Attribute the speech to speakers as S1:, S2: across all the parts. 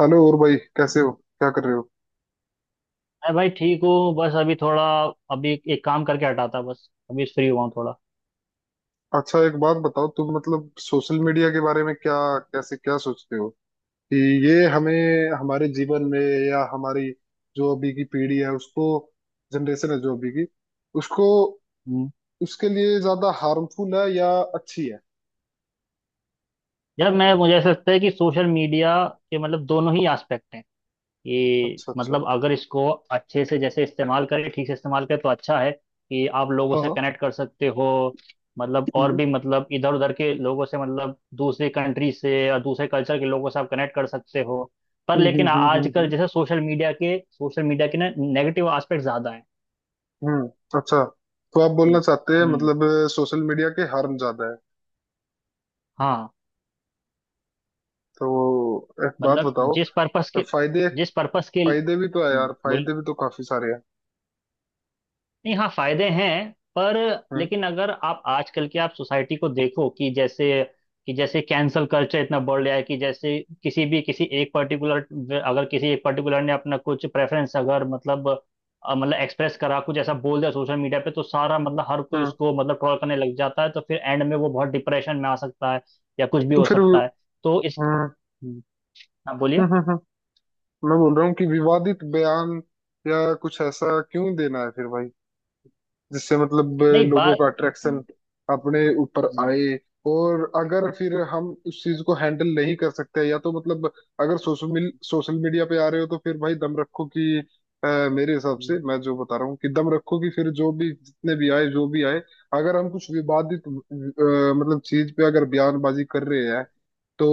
S1: Hello. और भाई, कैसे हो? क्या कर रहे हो?
S2: मैं भाई ठीक हूँ बस अभी थोड़ा अभी एक काम करके हटा था बस अभी फ्री हुआ हूँ थोड़ा।
S1: अच्छा, एक बात बताओ, तुम मतलब सोशल मीडिया के बारे में क्या, कैसे क्या सोचते हो कि ये हमें हमारे जीवन में या हमारी जो अभी की पीढ़ी है उसको, जनरेशन है जो अभी की, उसको,
S2: हम्म।
S1: उसके लिए ज्यादा हार्मफुल है या अच्छी है?
S2: यार मैं मुझे ऐसा लगता है कि सोशल मीडिया के मतलब दोनों ही एस्पेक्ट हैं कि
S1: अच्छा, अच्छा।
S2: मतलब अगर इसको अच्छे से जैसे इस्तेमाल करें ठीक से इस्तेमाल करें तो अच्छा है कि आप लोगों से
S1: हाँ।
S2: कनेक्ट कर सकते हो। मतलब और
S1: हम्म,
S2: भी मतलब इधर उधर के लोगों से मतलब दूसरी कंट्री से और दूसरे कल्चर के लोगों से आप कनेक्ट कर सकते हो। पर
S1: हम्म, हम्म,
S2: लेकिन
S1: हम्म,
S2: आजकल
S1: हम्म,
S2: जैसे सोशल मीडिया के ना नेगेटिव एस्पेक्ट ज्यादा है।
S1: हम्म। अच्छा, तो आप
S2: हम्म
S1: बोलना चाहते हैं
S2: हम्म।
S1: मतलब सोशल मीडिया के हार्म ज्यादा है।
S2: हाँ।
S1: तो एक बात
S2: मतलब
S1: बताओ,
S2: जिस पर्पस के
S1: फायदे,
S2: जिस पर्पस के
S1: फायदे भी तो है यार,
S2: बोल।
S1: फायदे भी तो काफी सारे हैं।
S2: नहीं हाँ, फायदे हैं पर
S1: हम्म,
S2: लेकिन अगर आप आजकल की आप सोसाइटी को देखो कि जैसे कैंसल कल्चर इतना बढ़ गया है कि जैसे किसी भी किसी एक पर्टिकुलर, अगर किसी एक पर्टिकुलर ने अपना कुछ प्रेफरेंस अगर मतलब मतलब एक्सप्रेस करा कुछ ऐसा बोल दिया सोशल मीडिया पे तो सारा मतलब हर कोई
S1: हम्म।
S2: उसको मतलब ट्रोल करने लग जाता है तो फिर एंड में वो बहुत डिप्रेशन में आ सकता है या कुछ भी
S1: तो
S2: हो
S1: फिर हम्म,
S2: सकता है। तो इस हम्म, हाँ बोलिए।
S1: हम्म, हम्म, हम्म। मैं बोल रहा हूँ कि विवादित बयान या कुछ ऐसा क्यों देना है फिर भाई, जिससे मतलब
S2: नहीं
S1: लोगों
S2: बात।
S1: का अट्रैक्शन
S2: हम्म,
S1: अपने ऊपर आए। और अगर फिर हम उस चीज को हैंडल नहीं कर सकते, या तो मतलब अगर सोशल मीडिया पे आ रहे हो तो फिर भाई दम रखो कि मेरे हिसाब
S2: हम्म,
S1: से मैं जो बता रहा हूँ कि दम रखो कि फिर जो भी, जितने भी आए, जो भी आए। अगर हम कुछ विवादित
S2: हम्म,
S1: मतलब चीज पे अगर बयानबाजी कर रहे हैं तो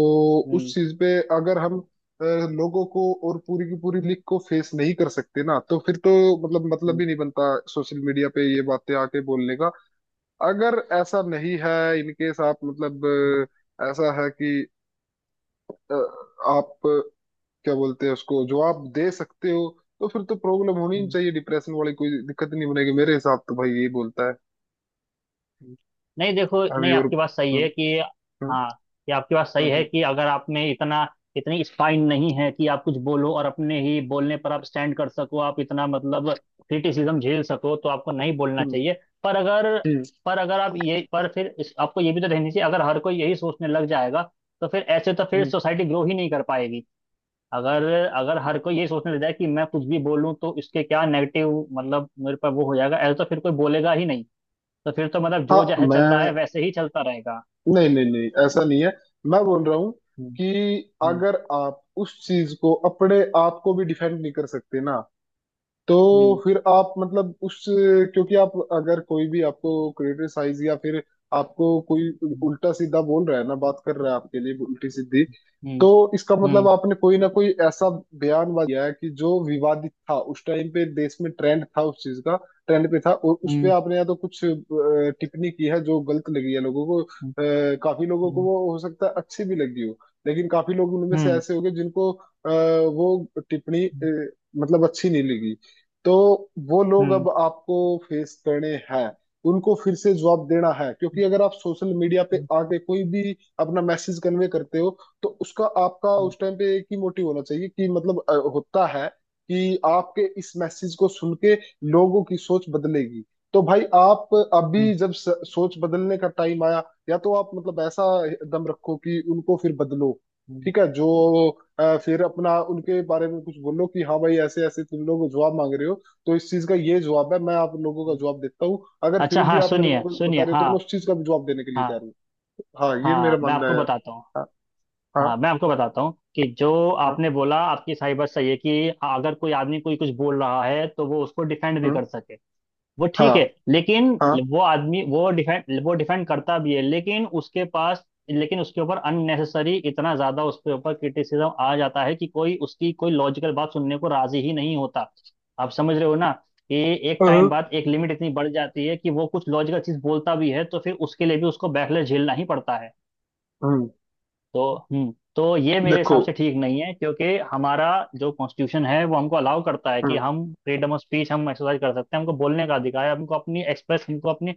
S1: उस
S2: हम्म,
S1: चीज पे अगर हम अ, लोगों को और पूरी की पूरी लीग को फेस नहीं कर सकते ना तो फिर तो मतलब
S2: हम्म,
S1: ही नहीं बनता सोशल मीडिया पे ये बातें आके बोलने का। अगर ऐसा नहीं है, इनकेस आप मतलब ऐसा है कि अ, आप क्या बोलते हैं उसको जवाब दे सकते हो, तो फिर तो प्रॉब्लम होनी ही नहीं
S2: हम्म,
S1: चाहिए, डिप्रेशन वाली कोई दिक्कत नहीं बनेगी, मेरे हिसाब तो भाई यही बोलता है।
S2: हम्म। नहीं देखो,
S1: अभी
S2: नहीं
S1: और
S2: आपकी बात सही
S1: हम्म,
S2: है कि
S1: हम्म,
S2: हाँ, ये आपकी बात सही है
S1: हम्म,
S2: कि अगर आप में इतना इतनी स्पाइन नहीं है कि आप कुछ बोलो और अपने ही बोलने पर आप स्टैंड कर सको, आप इतना मतलब क्रिटिसिज्म झेल सको, तो आपको नहीं बोलना
S1: हम्म,
S2: चाहिए। पर अगर
S1: हम्म।
S2: पर अगर आप ये पर फिर आपको ये भी तो रहनी चाहिए। अगर हर कोई यही सोचने लग जाएगा तो फिर ऐसे तो फिर
S1: हम्म।
S2: सोसाइटी ग्रो ही नहीं कर पाएगी। अगर अगर हर कोई ये सोचने लग जाए कि मैं कुछ भी बोलूं तो इसके क्या नेगेटिव मतलब मेरे पर वो हो जाएगा ऐसा, तो फिर कोई बोलेगा ही नहीं। तो फिर तो मतलब
S1: हाँ।
S2: जो जह चल रहा
S1: मैं
S2: है वैसे ही चलता रहेगा।
S1: नहीं, नहीं, नहीं, ऐसा नहीं है। मैं बोल रहा हूँ
S2: हम्म
S1: कि अगर आप उस चीज को, अपने आप को भी डिफेंड नहीं कर सकते ना तो
S2: हम्म
S1: फिर आप मतलब उस, क्योंकि आप अगर कोई भी आपको क्रिटिसाइज या फिर आपको कोई
S2: हम्म
S1: उल्टा सीधा बोल रहा है ना, बात कर रहा है आपके लिए उल्टी सीधी, तो
S2: हम्म
S1: इसका मतलब
S2: हम्म
S1: आपने कोई ना कोई ऐसा बयान दिया है कि जो विवादित था उस टाइम पे, देश में ट्रेंड था उस चीज का, ट्रेंड पे था, और उस पे
S2: हम्म
S1: आपने या तो कुछ टिप्पणी की है जो गलत लगी है लोगों को, काफी लोगों को वो हो सकता है अच्छी भी लगी हो, लेकिन काफी लोग उनमें से
S2: हम्म
S1: ऐसे होंगे जिनको वो टिप्पणी मतलब अच्छी नहीं लगी। तो वो लोग
S2: हम्म
S1: अब आपको फेस करने हैं, उनको फिर से जवाब देना है, क्योंकि अगर आप सोशल मीडिया पे आके कोई भी अपना मैसेज कन्वे करते हो तो उसका, आपका उस टाइम पे एक ही मोटिव होना चाहिए कि मतलब होता है कि आपके इस मैसेज को सुन के लोगों की सोच बदलेगी। तो भाई आप अभी
S2: हम्म
S1: जब सोच बदलने का टाइम आया, या तो आप मतलब ऐसा दम रखो कि उनको फिर बदलो।
S2: हम्म।
S1: ठीक है, जो फिर अपना उनके बारे में कुछ बोलो कि हाँ भाई, ऐसे ऐसे तुम लोग जवाब मांग रहे हो तो इस चीज का ये जवाब है, मैं आप लोगों का जवाब देता हूँ, अगर फिर
S2: अच्छा,
S1: भी
S2: हाँ
S1: आप मेरे को
S2: सुनिए
S1: कुछ बता
S2: सुनिए।
S1: रहे हो तो मैं
S2: हाँ
S1: उस चीज का भी जवाब देने के लिए तैयार
S2: हाँ
S1: हूँ। हाँ, ये मेरा
S2: हाँ, मैं
S1: मानना
S2: आपको
S1: है यार।
S2: बताता हूँ।
S1: हाँ, हाँ,
S2: हाँ मैं आपको बताता हूँ कि जो
S1: हाँ।
S2: आपने बोला, आपकी सही बात सही है कि अगर कोई आदमी कोई कुछ बोल रहा है तो वो उसको डिफेंड भी
S1: हम्म,
S2: कर सके, वो
S1: हाँ,
S2: ठीक है। लेकिन
S1: हाँ।
S2: वो आदमी वो डिफेंड करता भी है लेकिन उसके पास, लेकिन उसके ऊपर अननेसेसरी इतना ज्यादा उसके ऊपर क्रिटिसिज्म आ जाता है कि कोई उसकी कोई लॉजिकल बात सुनने को राजी ही नहीं होता। आप समझ रहे हो ना कि एक टाइम
S1: हम्म,
S2: बाद एक लिमिट इतनी बढ़ जाती है कि वो कुछ लॉजिकल चीज बोलता भी है तो फिर उसके लिए भी उसको बैकलैश झेलना ही पड़ता है।
S1: हम्म।
S2: तो हम्म, ये मेरे
S1: देखो
S2: हिसाब से ठीक नहीं है क्योंकि हमारा जो कॉन्स्टिट्यूशन है वो हमको अलाउ करता है कि हम फ्रीडम ऑफ स्पीच हम एक्सरसाइज कर सकते हैं, हमको बोलने का अधिकार है, हमको अपने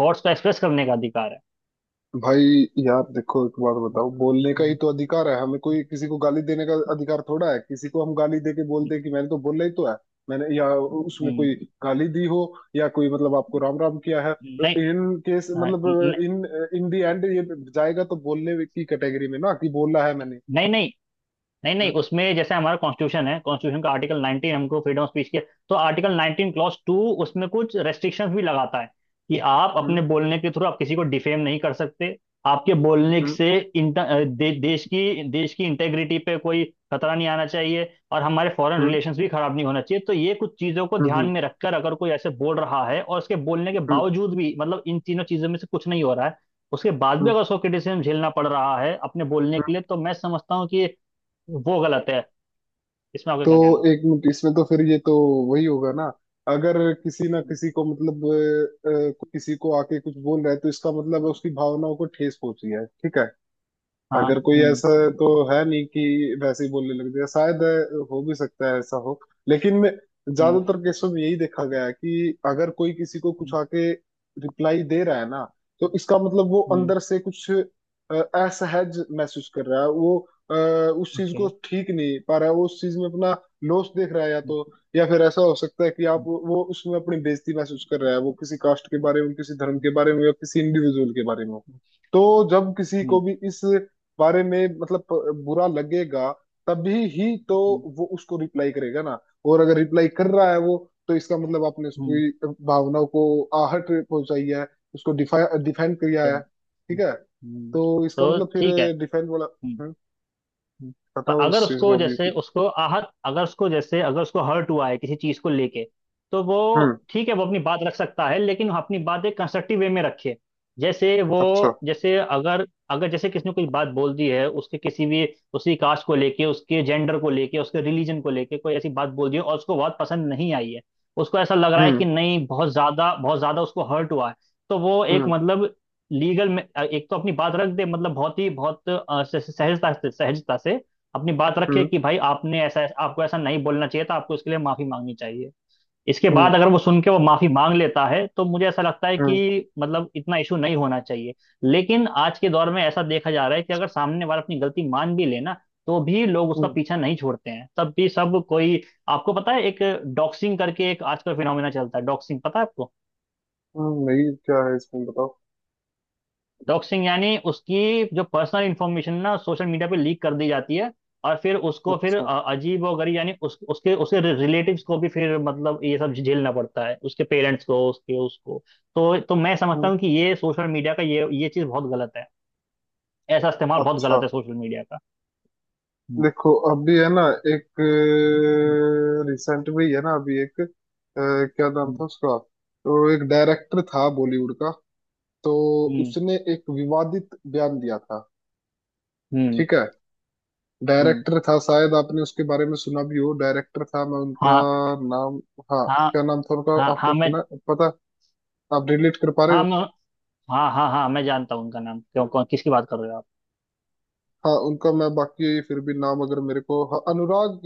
S2: थॉट्स को एक्सप्रेस करने का अधिकार है।
S1: भाई, यार देखो, एक बात बताओ, बोलने का ही
S2: हम्म,
S1: तो अधिकार है हमें, कोई किसी को गाली देने का अधिकार थोड़ा है? किसी को हम गाली दे के बोल
S2: हम्म,
S1: दे कि मैंने तो बोला ही तो है, मैंने, या उसमें
S2: हम्म,
S1: कोई गाली दी हो, या कोई मतलब आपको राम राम किया है, तो
S2: नहीं,
S1: इन केस
S2: हाँ,
S1: मतलब इन, इन दी एंड ये जाएगा तो बोलने की कैटेगरी में, ना कि बोला है मैंने।
S2: नहीं नहीं। नहीं नहीं
S1: हम्म,
S2: उसमें जैसे हमारा कॉन्स्टिट्यूशन है, कॉन्स्टिट्यूशन का आर्टिकल 19 हमको फ्रीडम ऑफ स्पीच के, तो आर्टिकल 19 क्लॉज टू उसमें कुछ रेस्ट्रिक्शंस भी लगाता है कि आप
S1: हम्म,
S2: अपने बोलने के थ्रू आप किसी को डिफेम नहीं कर सकते। आपके बोलने
S1: हम्म,
S2: से इंटर देश की इंटेग्रिटी पे कोई खतरा नहीं आना चाहिए और हमारे फॉरेन
S1: हम्म,
S2: रिलेशंस भी खराब नहीं होना चाहिए। तो ये कुछ चीज़ों को
S1: हम्म,
S2: ध्यान
S1: हम्म,
S2: में रखकर अगर कोई ऐसे बोल रहा है और उसके बोलने के
S1: हम्म,
S2: बावजूद भी मतलब इन तीनों चीज़ों में से कुछ नहीं हो रहा है, उसके बाद भी
S1: हम्म।
S2: अगर उसको क्रिटिसिज्म झेलना पड़ रहा है अपने बोलने के लिए, तो मैं समझता हूँ कि वो गलत है। इसमें आपका
S1: तो
S2: क्या कहना
S1: एक मिनट, इसमें तो फिर ये तो वही होगा ना। अगर किसी ना
S2: है?
S1: किसी को मतलब किसी को आके कुछ बोल रहा है तो इसका मतलब है उसकी भावनाओं को ठेस पहुंची है, ठीक है?
S2: हाँ
S1: अगर कोई
S2: हम्म
S1: ऐसा तो है नहीं कि वैसे ही बोलने लग जाए, शायद हो भी सकता है ऐसा हो, लेकिन
S2: हम्म
S1: ज्यादातर केसों में यही देखा गया है कि अगर कोई किसी को कुछ
S2: हम्म
S1: आके रिप्लाई दे रहा है ना, तो इसका मतलब वो
S2: हम्म
S1: अंदर से कुछ असहज महसूस कर रहा है, वो उस चीज
S2: ओके
S1: को ठीक नहीं पा रहा है, वो उस चीज में अपना लॉस देख रहा है, या
S2: हम्म
S1: तो या फिर ऐसा हो सकता है कि आप
S2: हम्म
S1: वो उसमें अपनी बेइज्जती महसूस कर रहा है, वो किसी कास्ट के बारे में, किसी धर्म के बारे में, या किसी इंडिविजुअल के बारे में।
S2: हम्म
S1: तो जब किसी को
S2: हम्म,
S1: भी इस बारे में मतलब बुरा लगेगा, तभी ही तो
S2: हम्म,
S1: वो उसको रिप्लाई करेगा ना। और अगर रिप्लाई कर रहा है वो, तो इसका मतलब आपने
S2: हम्म,
S1: उसकी भावनाओं को आहट पहुंचाई है, उसको डिफा डिफेंड किया
S2: तो
S1: है, ठीक
S2: हम्म,
S1: है?
S2: हम्म,
S1: तो इसका
S2: तो
S1: मतलब फिर
S2: ठीक है
S1: डिफेंड वाला।
S2: हम्म,
S1: हम्म।
S2: हम्म। पर
S1: बताओ इस
S2: अगर
S1: चीज
S2: उसको
S1: को अभी
S2: जैसे
S1: कुछ।
S2: उसको आहत, अगर उसको जैसे अगर उसको हर्ट हुआ है किसी चीज को लेके, तो वो
S1: हम्म।
S2: ठीक है, वो अपनी बात रख सकता है लेकिन वो अपनी बात एक कंस्ट्रक्टिव वे में रखे। जैसे वो,
S1: अच्छा।
S2: जैसे अगर अगर जैसे किसी ने कोई बात बोल दी है उसके किसी भी उसी कास्ट को लेके, उसके जेंडर को लेके, उसके रिलीजन को लेके कोई ऐसी बात बोल दी है और उसको बहुत पसंद नहीं आई है, उसको ऐसा लग रहा है कि
S1: हम्म,
S2: नहीं बहुत ज्यादा बहुत ज्यादा उसको हर्ट हुआ है, तो वो एक
S1: हम्म,
S2: मतलब लीगल में एक तो अपनी बात रख दे, मतलब बहुत ही बहुत सहजता से अपनी बात रखे
S1: हम्म,
S2: कि भाई आपने ऐसा, आपको ऐसा नहीं बोलना चाहिए था, आपको इसके लिए माफी मांगनी चाहिए। इसके
S1: हम्म,
S2: बाद अगर वो सुन के वो माफी मांग लेता है तो मुझे ऐसा लगता है
S1: हम्म,
S2: कि मतलब इतना इशू नहीं होना चाहिए। लेकिन आज के दौर में ऐसा देखा जा रहा है कि अगर सामने वाला अपनी गलती मान भी लेना तो भी लोग उसका
S1: हम्म,
S2: पीछा नहीं छोड़ते हैं, तब भी सब कोई। आपको पता है, एक डॉक्सिंग करके एक आजकल फिनोमिना चलता है, डॉक्सिंग पता है आपको?
S1: हम्म। नहीं, क्या है इसमें? बताओ।
S2: डॉक्सिंग यानी उसकी जो पर्सनल इंफॉर्मेशन ना सोशल मीडिया पे लीक कर दी जाती है और फिर उसको फिर
S1: अच्छा।
S2: अजीब और गरीब यानी उस, उसके उसके रिलेटिव्स को भी फिर मतलब ये सब झेलना पड़ता है, उसके पेरेंट्स को, उसके, उसको। तो मैं समझता
S1: हम्म।
S2: हूँ कि ये सोशल मीडिया का ये चीज़ बहुत गलत है। ऐसा इस्तेमाल बहुत
S1: अच्छा।
S2: गलत है सोशल मीडिया का। हम्म
S1: देखो अभी है ना, एक रिसेंट में ही है ना, अभी एक क्या नाम
S2: हम्म
S1: था उसका, तो एक डायरेक्टर था बॉलीवुड का, तो
S2: हम्म
S1: उसने एक विवादित बयान दिया था,
S2: हम्म,
S1: ठीक है?
S2: हम्म।
S1: डायरेक्टर था, शायद आपने उसके बारे में सुना भी हो। डायरेक्टर था, मैं उनका
S2: हाँ
S1: नाम, हाँ,
S2: हाँ
S1: क्या नाम था उनका,
S2: हाँ। हाँ
S1: आपको
S2: मैं,
S1: सुना है? पता? आप रिलेट कर पा रहे
S2: हाँ
S1: हो?
S2: मैं, हाँ हाँ हाँ मैं जानता हूँ उनका नाम, क्यों, कौन, किसकी बात कर रहे हो आप?
S1: हाँ, उनका मैं बाकी फिर भी नाम अगर मेरे को, हाँ, अनुराग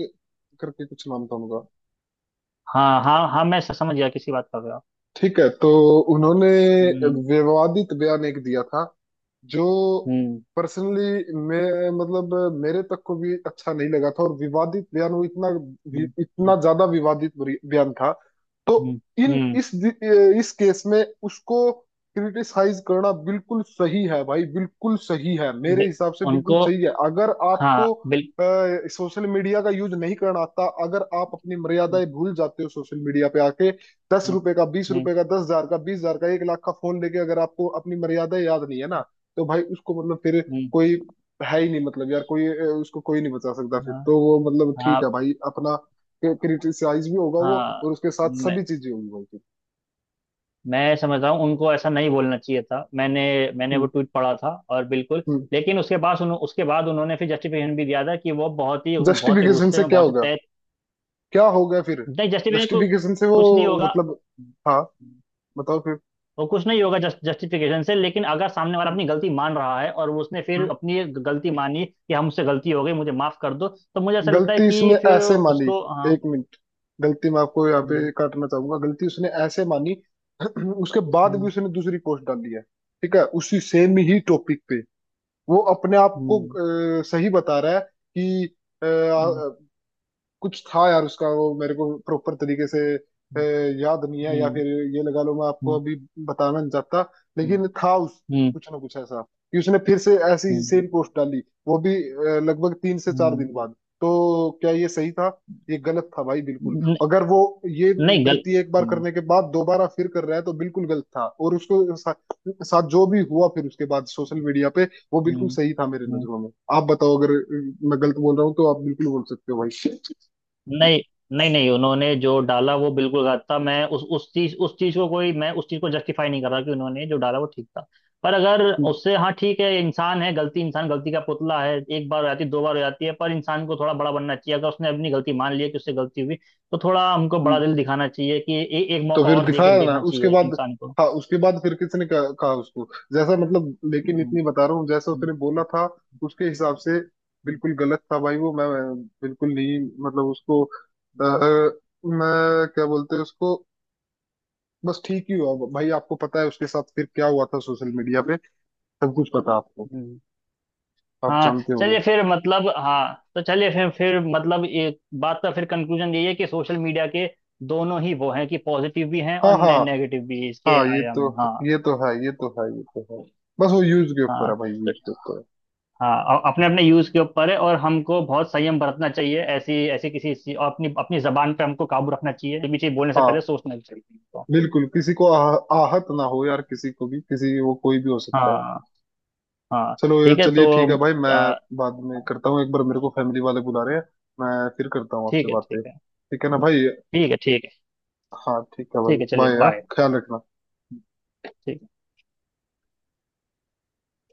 S1: करके कुछ नाम था उनका।
S2: हाँ हाँ हाँ, मैं समझ गया किसकी बात कर रहे हो आप।
S1: ठीक है, तो उन्होंने
S2: हम्म
S1: विवादित बयान एक दिया था, जो
S2: हम्म
S1: पर्सनली मैं मतलब मेरे तक को भी अच्छा नहीं लगा था, और विवादित बयान वो इतना,
S2: हम्म
S1: इतना ज्यादा विवादित बयान था। तो
S2: हम्म,
S1: इन
S2: हम्म,
S1: इस केस में उसको क्रिटिसाइज करना बिल्कुल सही है भाई, बिल्कुल सही है, मेरे
S2: बे-
S1: हिसाब से बिल्कुल
S2: उनको
S1: सही है। अगर
S2: हाँ
S1: आपको
S2: बिल
S1: सोशल मीडिया का यूज नहीं करना आता, अगर आप अपनी
S2: हम्म
S1: मर्यादाएं भूल जाते हो सोशल मीडिया पे आके, दस
S2: हम्म,
S1: रुपए का, बीस
S2: हम्म,
S1: रुपए का, 10 हजार का, 20 हजार का, 1 लाख का फोन लेके, अगर आपको अपनी मर्यादा याद नहीं है ना, तो भाई उसको मतलब फिर
S2: हम्म,
S1: कोई है ही नहीं, मतलब यार कोई उसको कोई नहीं बचा सकता फिर,
S2: हाँ
S1: तो वो मतलब
S2: हाँ
S1: ठीक है भाई, अपना क्रिटिसाइज भी होगा वो
S2: हाँ,
S1: और उसके साथ
S2: मैं
S1: सभी चीजें होंगी भाई फिर।
S2: मैं समझता हूँ उनको ऐसा नहीं बोलना चाहिए था। मैंने मैंने वो
S1: हम्म,
S2: ट्वीट पढ़ा था और बिल्कुल,
S1: हम्म।
S2: लेकिन उसके बाद उसके बाद उन्होंने फिर जस्टिफिकेशन भी दिया था कि वो बहुत ही
S1: जस्टिफिकेशन
S2: गुस्से
S1: से
S2: में
S1: क्या
S2: बहुत ही
S1: होगा?
S2: तय।
S1: क्या होगा फिर
S2: नहीं जस्टिफिकेशन
S1: जस्टिफिकेशन से? वो
S2: कुछ नहीं होगा।
S1: मतलब, हाँ बताओ फिर।
S2: वो कुछ नहीं होगा जस्ट जस्टिफिकेशन से, लेकिन अगर सामने वाला अपनी गलती मान रहा है और उसने फिर
S1: हम्म।
S2: अपनी ये गलती मानी कि हमसे गलती हो गई, मुझे माफ कर दो, तो मुझे ऐसा लगता है
S1: गलती उसने
S2: कि फिर
S1: ऐसे मानी,
S2: उसको, हाँ।
S1: एक मिनट, गलती मैं आपको यहाँ
S2: हम्म
S1: पे काटना चाहूंगा, गलती उसने ऐसे मानी, उसके बाद भी
S2: हम्म
S1: उसने दूसरी पोस्ट डाली है, ठीक है? उसी सेम ही टॉपिक पे, वो अपने आप को सही बता रहा है कि अ,
S2: हम्म
S1: कुछ था यार उसका, वो मेरे को प्रॉपर तरीके से याद नहीं है, या
S2: हम्म
S1: फिर ये लगा लो मैं आपको
S2: हम्म
S1: अभी बताना नहीं चाहता।
S2: हम्म
S1: लेकिन था उस
S2: हम्म हम्म,
S1: कुछ ना कुछ ऐसा कि उसने फिर से ऐसी
S2: हम्म,
S1: सेम पोस्ट डाली, वो भी लगभग 3 से 4
S2: हम्म,
S1: दिन बाद। तो क्या ये सही था? ये गलत था भाई, बिल्कुल।
S2: हम्म,
S1: अगर वो ये
S2: नहीं गल
S1: गलती एक बार
S2: हम्म
S1: करने के बाद दोबारा फिर कर रहा है तो बिल्कुल गलत था, और उसको साथ जो भी हुआ फिर उसके बाद सोशल मीडिया पे, वो बिल्कुल सही था मेरी
S2: हम्म।
S1: नजरों में। आप बताओ अगर मैं गलत बोल रहा हूँ तो आप बिल्कुल बोल सकते हो भाई।
S2: नहीं नहीं नहीं, उन्होंने जो डाला वो बिल्कुल गलत था। मैं उस चीज, उस चीज को कोई मैं उस चीज को जस्टिफाई नहीं कर रहा कि उन्होंने जो डाला वो ठीक था। पर अगर
S1: हम्म,
S2: उससे, हाँ ठीक है, इंसान है, गलती, इंसान गलती का पुतला है, एक बार हो जाती है, दो बार हो जाती है, पर इंसान को थोड़ा बड़ा बनना चाहिए। अगर उसने अपनी गलती मान लिया कि उससे गलती हुई, तो थोड़ा हमको बड़ा
S1: हम्म।
S2: दिल दिखाना चाहिए कि एक
S1: तो
S2: मौका
S1: फिर
S2: और दे के
S1: दिखाया ना
S2: देखना
S1: उसके
S2: चाहिए
S1: बाद।
S2: इंसान को।
S1: हाँ, उसके बाद फिर किसने कहा, कहा उसको जैसा, मतलब लेकिन
S2: हम्म,
S1: इतनी बता रहा हूँ जैसा
S2: हम्म,
S1: उसने बोला
S2: हम्म,
S1: था, उसके हिसाब से
S2: हम्म,
S1: बिल्कुल गलत था भाई वो। मैं बिल्कुल नहीं, मतलब उसको आ, मैं क्या बोलते हैं उसको, बस ठीक ही हुआ भाई। आपको पता है उसके साथ फिर क्या हुआ था सोशल मीडिया पे? सब कुछ पता है आपको,
S2: हम्म।
S1: आप
S2: हाँ
S1: जानते होंगे।
S2: चलिए फिर मतलब, हाँ तो चलिए फिर मतलब एक बात का फिर कंक्लूजन यही है कि सोशल मीडिया के दोनों ही वो हैं कि पॉजिटिव भी हैं और
S1: हाँ, हाँ,
S2: नेगेटिव भी इसके
S1: हाँ, ये
S2: आयाम
S1: तो,
S2: में, हाँ।
S1: ये तो है, ये तो है, ये तो है। बस वो यूज के ऊपर
S2: हाँ
S1: है भाई,
S2: तो
S1: यूज के ऊपर है।
S2: हाँ, अपने अपने यूज के ऊपर है और हमको बहुत संयम बरतना चाहिए ऐसी ऐसी किसी और अपनी अपनी जबान पे हमको काबू रखना चाहिए, ये भी चीज बोलने से पहले
S1: हाँ,
S2: सोचना भी चाहिए हमको।
S1: बिल्कुल किसी को आहत ना हो यार, किसी को भी, किसी, वो कोई भी हो सकता है।
S2: हाँ हाँ
S1: चलो
S2: ठीक है
S1: चलिए,
S2: तो
S1: ठीक है भाई, मैं
S2: आ,
S1: बाद में करता हूँ, एक बार मेरे को फैमिली वाले बुला रहे हैं, मैं फिर करता हूँ आपसे
S2: ठीक है ठीक
S1: बातें,
S2: है।
S1: ठीक है ना भाई?
S2: ठीक है ठीक है।
S1: हाँ ठीक है
S2: ठीक
S1: भाई,
S2: है चलिए,
S1: बाय यार,
S2: बाय।
S1: ख्याल रखना।
S2: ठीक है।